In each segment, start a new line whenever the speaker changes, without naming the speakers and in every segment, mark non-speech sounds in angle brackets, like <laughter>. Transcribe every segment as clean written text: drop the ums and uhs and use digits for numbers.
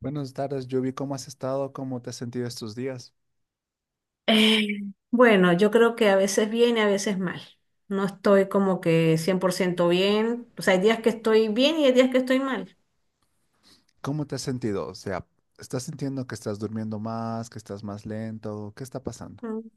Buenas tardes, Yubi. ¿Cómo has estado? ¿Cómo te has sentido estos días?
Eh, bueno, yo creo que a veces bien y a veces mal. No estoy como que 100% bien. O sea, hay días que estoy bien y hay días que estoy mal.
¿Cómo te has sentido? O sea, ¿estás sintiendo que estás durmiendo más, que estás más lento? ¿Qué está pasando?
Mm,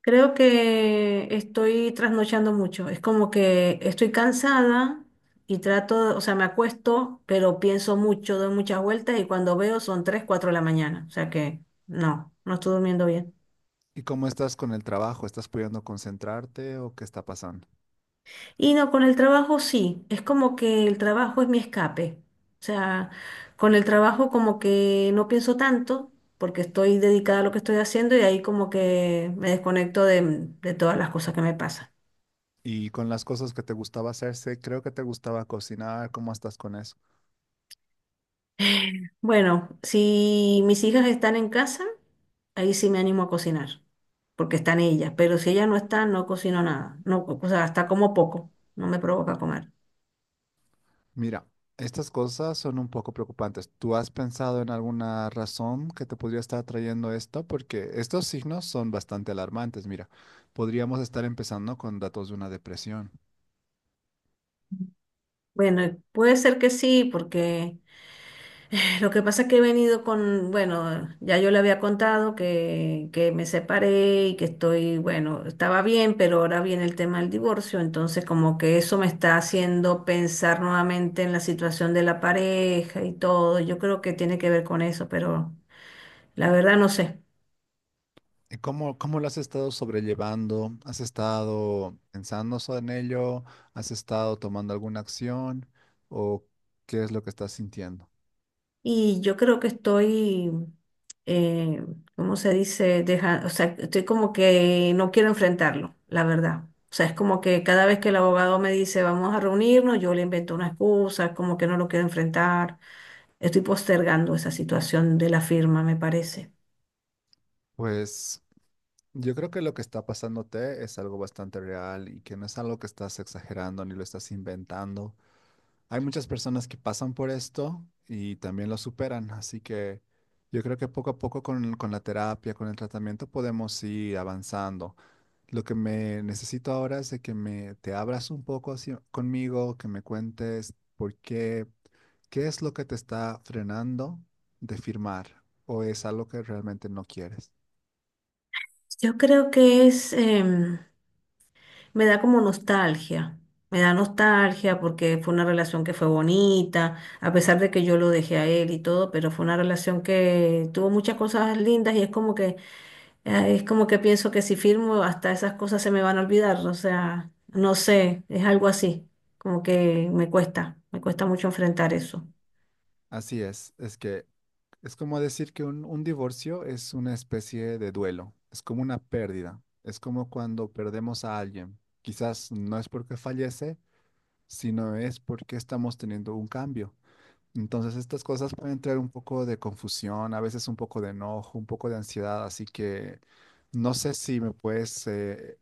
Creo que estoy trasnochando mucho. Es como que estoy cansada y trato, o sea, me acuesto, pero pienso mucho, doy muchas vueltas y cuando veo son 3, 4 de la mañana. O sea que no, no estoy durmiendo bien.
¿Y cómo estás con el trabajo? ¿Estás pudiendo concentrarte o qué está pasando?
Y no, con el trabajo sí, es como que el trabajo es mi escape. O sea, con el trabajo como que no pienso tanto porque estoy dedicada a lo que estoy haciendo y ahí como que me desconecto de todas las cosas que me pasan.
Y con las cosas que te gustaba hacerse, creo que te gustaba cocinar, ¿cómo estás con eso?
<laughs> Bueno, si mis hijas están en casa, ahí sí me animo a cocinar, porque están ellas, pero si ellas no están, no cocino nada. No, o sea, hasta como poco, no me provoca comer.
Mira, estas cosas son un poco preocupantes. ¿Tú has pensado en alguna razón que te podría estar trayendo esto? Porque estos signos son bastante alarmantes. Mira, podríamos estar empezando con datos de una depresión.
Bueno, puede ser que sí, porque… lo que pasa es que he venido con, bueno, ya yo le había contado que me separé y que estoy, bueno, estaba bien, pero ahora viene el tema del divorcio, entonces como que eso me está haciendo pensar nuevamente en la situación de la pareja y todo. Yo creo que tiene que ver con eso, pero la verdad no sé.
¿Y cómo lo has estado sobrellevando? ¿Has estado pensando en ello? ¿Has estado tomando alguna acción? ¿O qué es lo que estás sintiendo?
Y yo creo que estoy, eh, ¿cómo se dice? Deja, o sea, estoy como que no quiero enfrentarlo, la verdad. O sea, es como que cada vez que el abogado me dice vamos a reunirnos, yo le invento una excusa, como que no lo quiero enfrentar. Estoy postergando esa situación de la firma, me parece.
Pues yo creo que lo que está pasándote es algo bastante real y que no es algo que estás exagerando ni lo estás inventando. Hay muchas personas que pasan por esto y también lo superan, así que yo creo que poco a poco con la terapia, con el tratamiento podemos ir avanzando. Lo que me necesito ahora es de que me te abras un poco así conmigo, que me cuentes por qué, qué es lo que te está frenando de firmar o es algo que realmente no quieres.
Yo creo que es, me da como nostalgia, me da nostalgia porque fue una relación que fue bonita, a pesar de que yo lo dejé a él y todo, pero fue una relación que tuvo muchas cosas lindas y es como que pienso que si firmo hasta esas cosas se me van a olvidar, o sea, no sé, es algo así, como que me cuesta mucho enfrentar eso.
Así es que es como decir que un divorcio es una especie de duelo, es como una pérdida, es como cuando perdemos a alguien. Quizás no es porque fallece, sino es porque estamos teniendo un cambio. Entonces estas cosas pueden traer un poco de confusión, a veces un poco de enojo, un poco de ansiedad, así que no sé si me puedes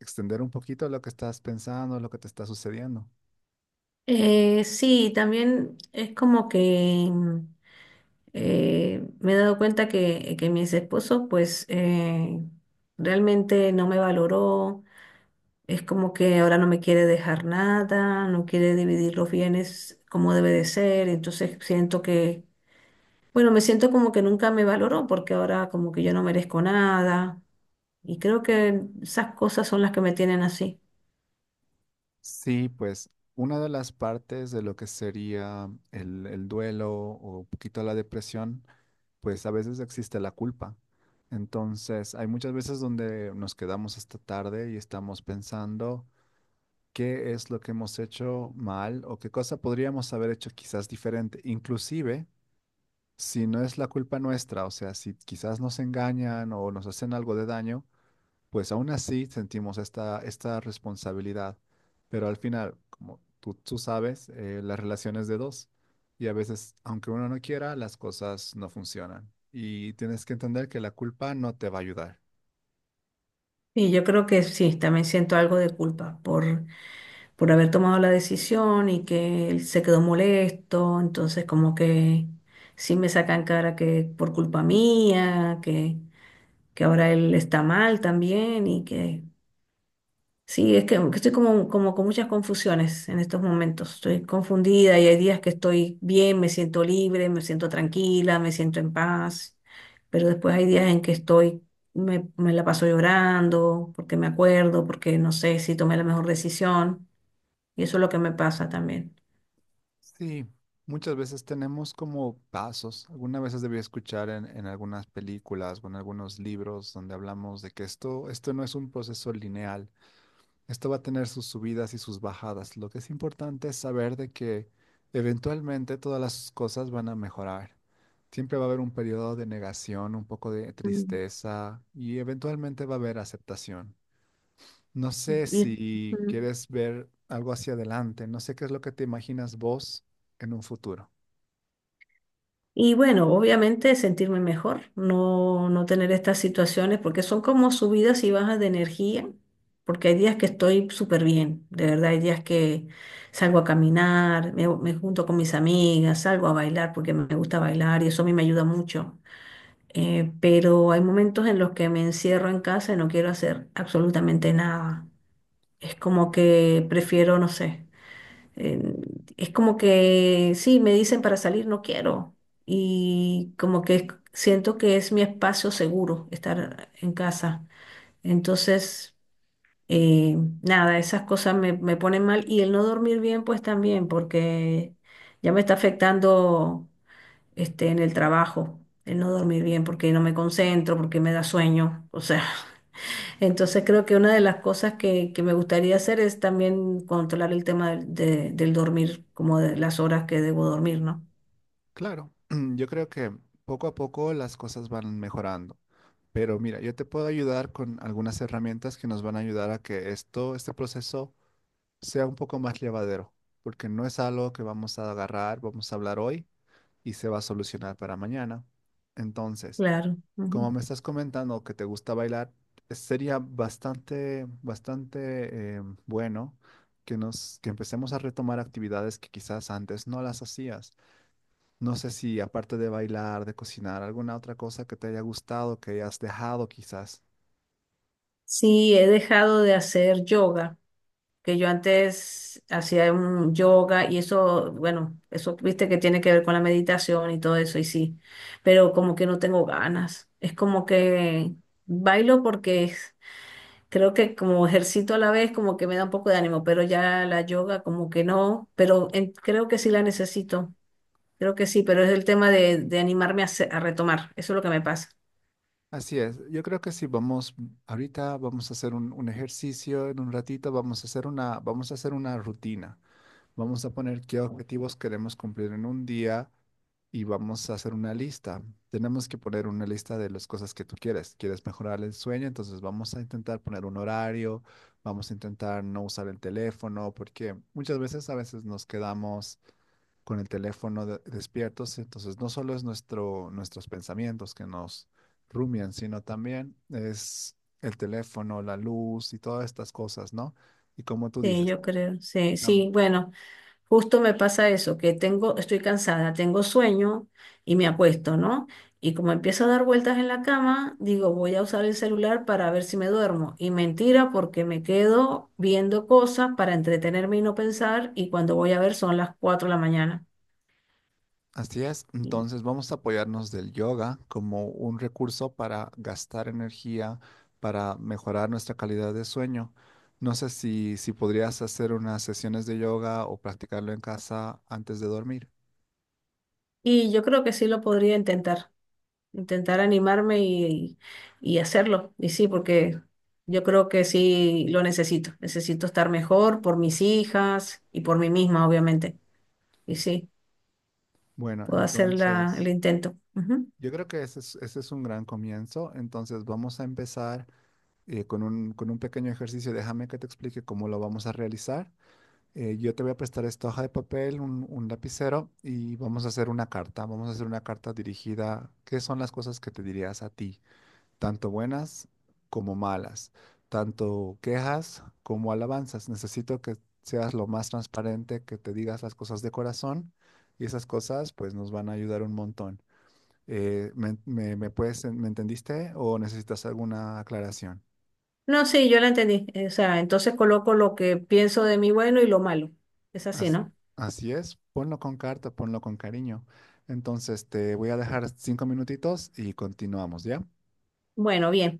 extender un poquito lo que estás pensando, lo que te está sucediendo.
Sí, también es como que me he dado cuenta que mi ex esposo, pues, realmente no me valoró. Es como que ahora no me quiere dejar nada, no quiere dividir los bienes como debe de ser. Entonces siento que, bueno, me siento como que nunca me valoró porque ahora como que yo no merezco nada. Y creo que esas cosas son las que me tienen así.
Sí, pues una de las partes de lo que sería el duelo o un poquito la depresión, pues a veces existe la culpa. Entonces hay muchas veces donde nos quedamos hasta tarde y estamos pensando qué es lo que hemos hecho mal o qué cosa podríamos haber hecho quizás diferente, inclusive si no es la culpa nuestra, o sea, si quizás nos engañan o nos hacen algo de daño, pues aún así sentimos esta responsabilidad. Pero al final, como tú sabes, las relaciones de dos y a veces, aunque uno no quiera, las cosas no funcionan. Y tienes que entender que la culpa no te va a ayudar.
Y yo creo que sí, también siento algo de culpa por haber tomado la decisión y que él se quedó molesto, entonces como que sí me sacan cara que por culpa mía, que ahora él está mal también y que… sí, es que estoy como, como con muchas confusiones en estos momentos. Estoy confundida y hay días que estoy bien, me siento libre, me siento tranquila, me siento en paz, pero después hay días en que estoy, me la paso llorando porque me acuerdo, porque no sé si tomé la mejor decisión y eso es lo que me pasa también.
Sí, muchas veces tenemos como pasos. Algunas veces debí escuchar en algunas películas o en algunos libros donde hablamos de que esto no es un proceso lineal. Esto va a tener sus subidas y sus bajadas. Lo que es importante es saber de que eventualmente todas las cosas van a mejorar. Siempre va a haber un periodo de negación, un poco de
Mm.
tristeza y eventualmente va a haber aceptación. No sé
Y-
si
Mm.
quieres ver algo hacia adelante. No sé qué es lo que te imaginas vos en un futuro.
Y bueno, obviamente sentirme mejor, no, no tener estas situaciones, porque son como subidas y bajas de energía, porque hay días que estoy súper bien, de verdad, hay días que salgo a caminar, me junto con mis amigas, salgo a bailar porque me gusta bailar y eso a mí me ayuda mucho. Pero hay momentos en los que me encierro en casa y no quiero hacer absolutamente nada. Es como que prefiero, no sé. Eh, es como que, sí, me dicen para salir, no quiero. Y como que siento que es mi espacio seguro estar en casa. Entonces, eh, nada, esas cosas me, me ponen mal. Y el no dormir bien, pues también, porque ya me está afectando este, en el trabajo, el no dormir bien, porque no me concentro, porque me da sueño. O sea. <laughs> Entonces creo que una de las cosas que me gustaría hacer es también controlar el tema del dormir, como de las horas que debo dormir, ¿no?
Claro, <clears throat> yo creo que poco a poco las cosas van mejorando. Pero mira, yo te puedo ayudar con algunas herramientas que nos van a ayudar a que esto, este proceso sea un poco más llevadero, porque no es algo que vamos a agarrar, vamos a hablar hoy y se va a solucionar para mañana. Entonces,
Claro,
como
ujú.
me estás comentando que te gusta bailar, sería bastante, bastante bueno que nos, que empecemos a retomar actividades que quizás antes no las hacías. No sé si aparte de bailar, de cocinar, alguna otra cosa que te haya gustado, que hayas dejado quizás.
Sí, he dejado de hacer yoga, que yo antes hacía un yoga y eso, bueno, eso viste que tiene que ver con la meditación y todo eso, y sí, pero como que no tengo ganas. Es como que bailo porque creo que como ejercito a la vez como que me da un poco de ánimo, pero ya la yoga como que no, pero creo que sí la necesito, creo que sí, pero es el tema de animarme a, hacer- a retomar, eso es lo que me pasa.
Así es, yo creo que sí, vamos, ahorita vamos a hacer un ejercicio, en un ratito vamos a hacer una, vamos a hacer una rutina. Vamos a poner qué objetivos queremos cumplir en un día y vamos a hacer una lista. Tenemos que poner una lista de las cosas que tú quieres. ¿Quieres mejorar el sueño? Entonces vamos a intentar poner un horario, vamos a intentar no usar el teléfono, porque muchas veces a veces nos quedamos con el teléfono despiertos. Entonces, no solo es nuestros pensamientos que nos rumian, sino también es el teléfono, la luz y todas estas cosas, ¿no? Y como tú
Sí,
dices,
yo creo, sí,
am-
sí, bueno, justo me pasa eso, que tengo, estoy cansada, tengo sueño y me acuesto, ¿no? Y como empiezo a dar vueltas en la cama, digo, voy a usar el celular para ver si me duermo. Y mentira, porque me quedo viendo cosas para entretenerme y no pensar, y cuando voy a ver son las 4 de la mañana.
así es. Entonces, vamos a apoyarnos del yoga como un recurso para gastar energía, para mejorar nuestra calidad de sueño. No sé si podrías hacer unas sesiones de yoga o practicarlo en casa antes de dormir.
Y yo creo que sí lo podría intentar, intentar animarme y hacerlo. Y sí, porque yo creo que sí lo necesito. Necesito estar mejor por mis hijas y por mí misma, obviamente. Y sí,
Bueno,
puedo hacer la, el
entonces...
intento. Ujú.
Yo creo que ese es un gran comienzo. Entonces vamos a empezar con un pequeño ejercicio. Déjame que te explique cómo lo vamos a realizar. Yo te voy a prestar esta hoja de papel, un lapicero y vamos a hacer una carta. Vamos a hacer una carta dirigida. ¿Qué son las cosas que te dirías a ti? Tanto buenas como malas. Tanto quejas como alabanzas. Necesito que seas lo más transparente, que te digas las cosas de corazón y esas cosas pues nos van a ayudar un montón. ¿Me puedes, me entendiste o necesitas alguna aclaración?
No, sí, yo la entendí. O sea, entonces coloco lo que pienso de mí bueno y lo malo. Es así,
As-
¿no?
Así es, ponlo con carta, ponlo con cariño. Entonces te voy a dejar 5 minutitos y continuamos, ¿ya?
Bueno, bien.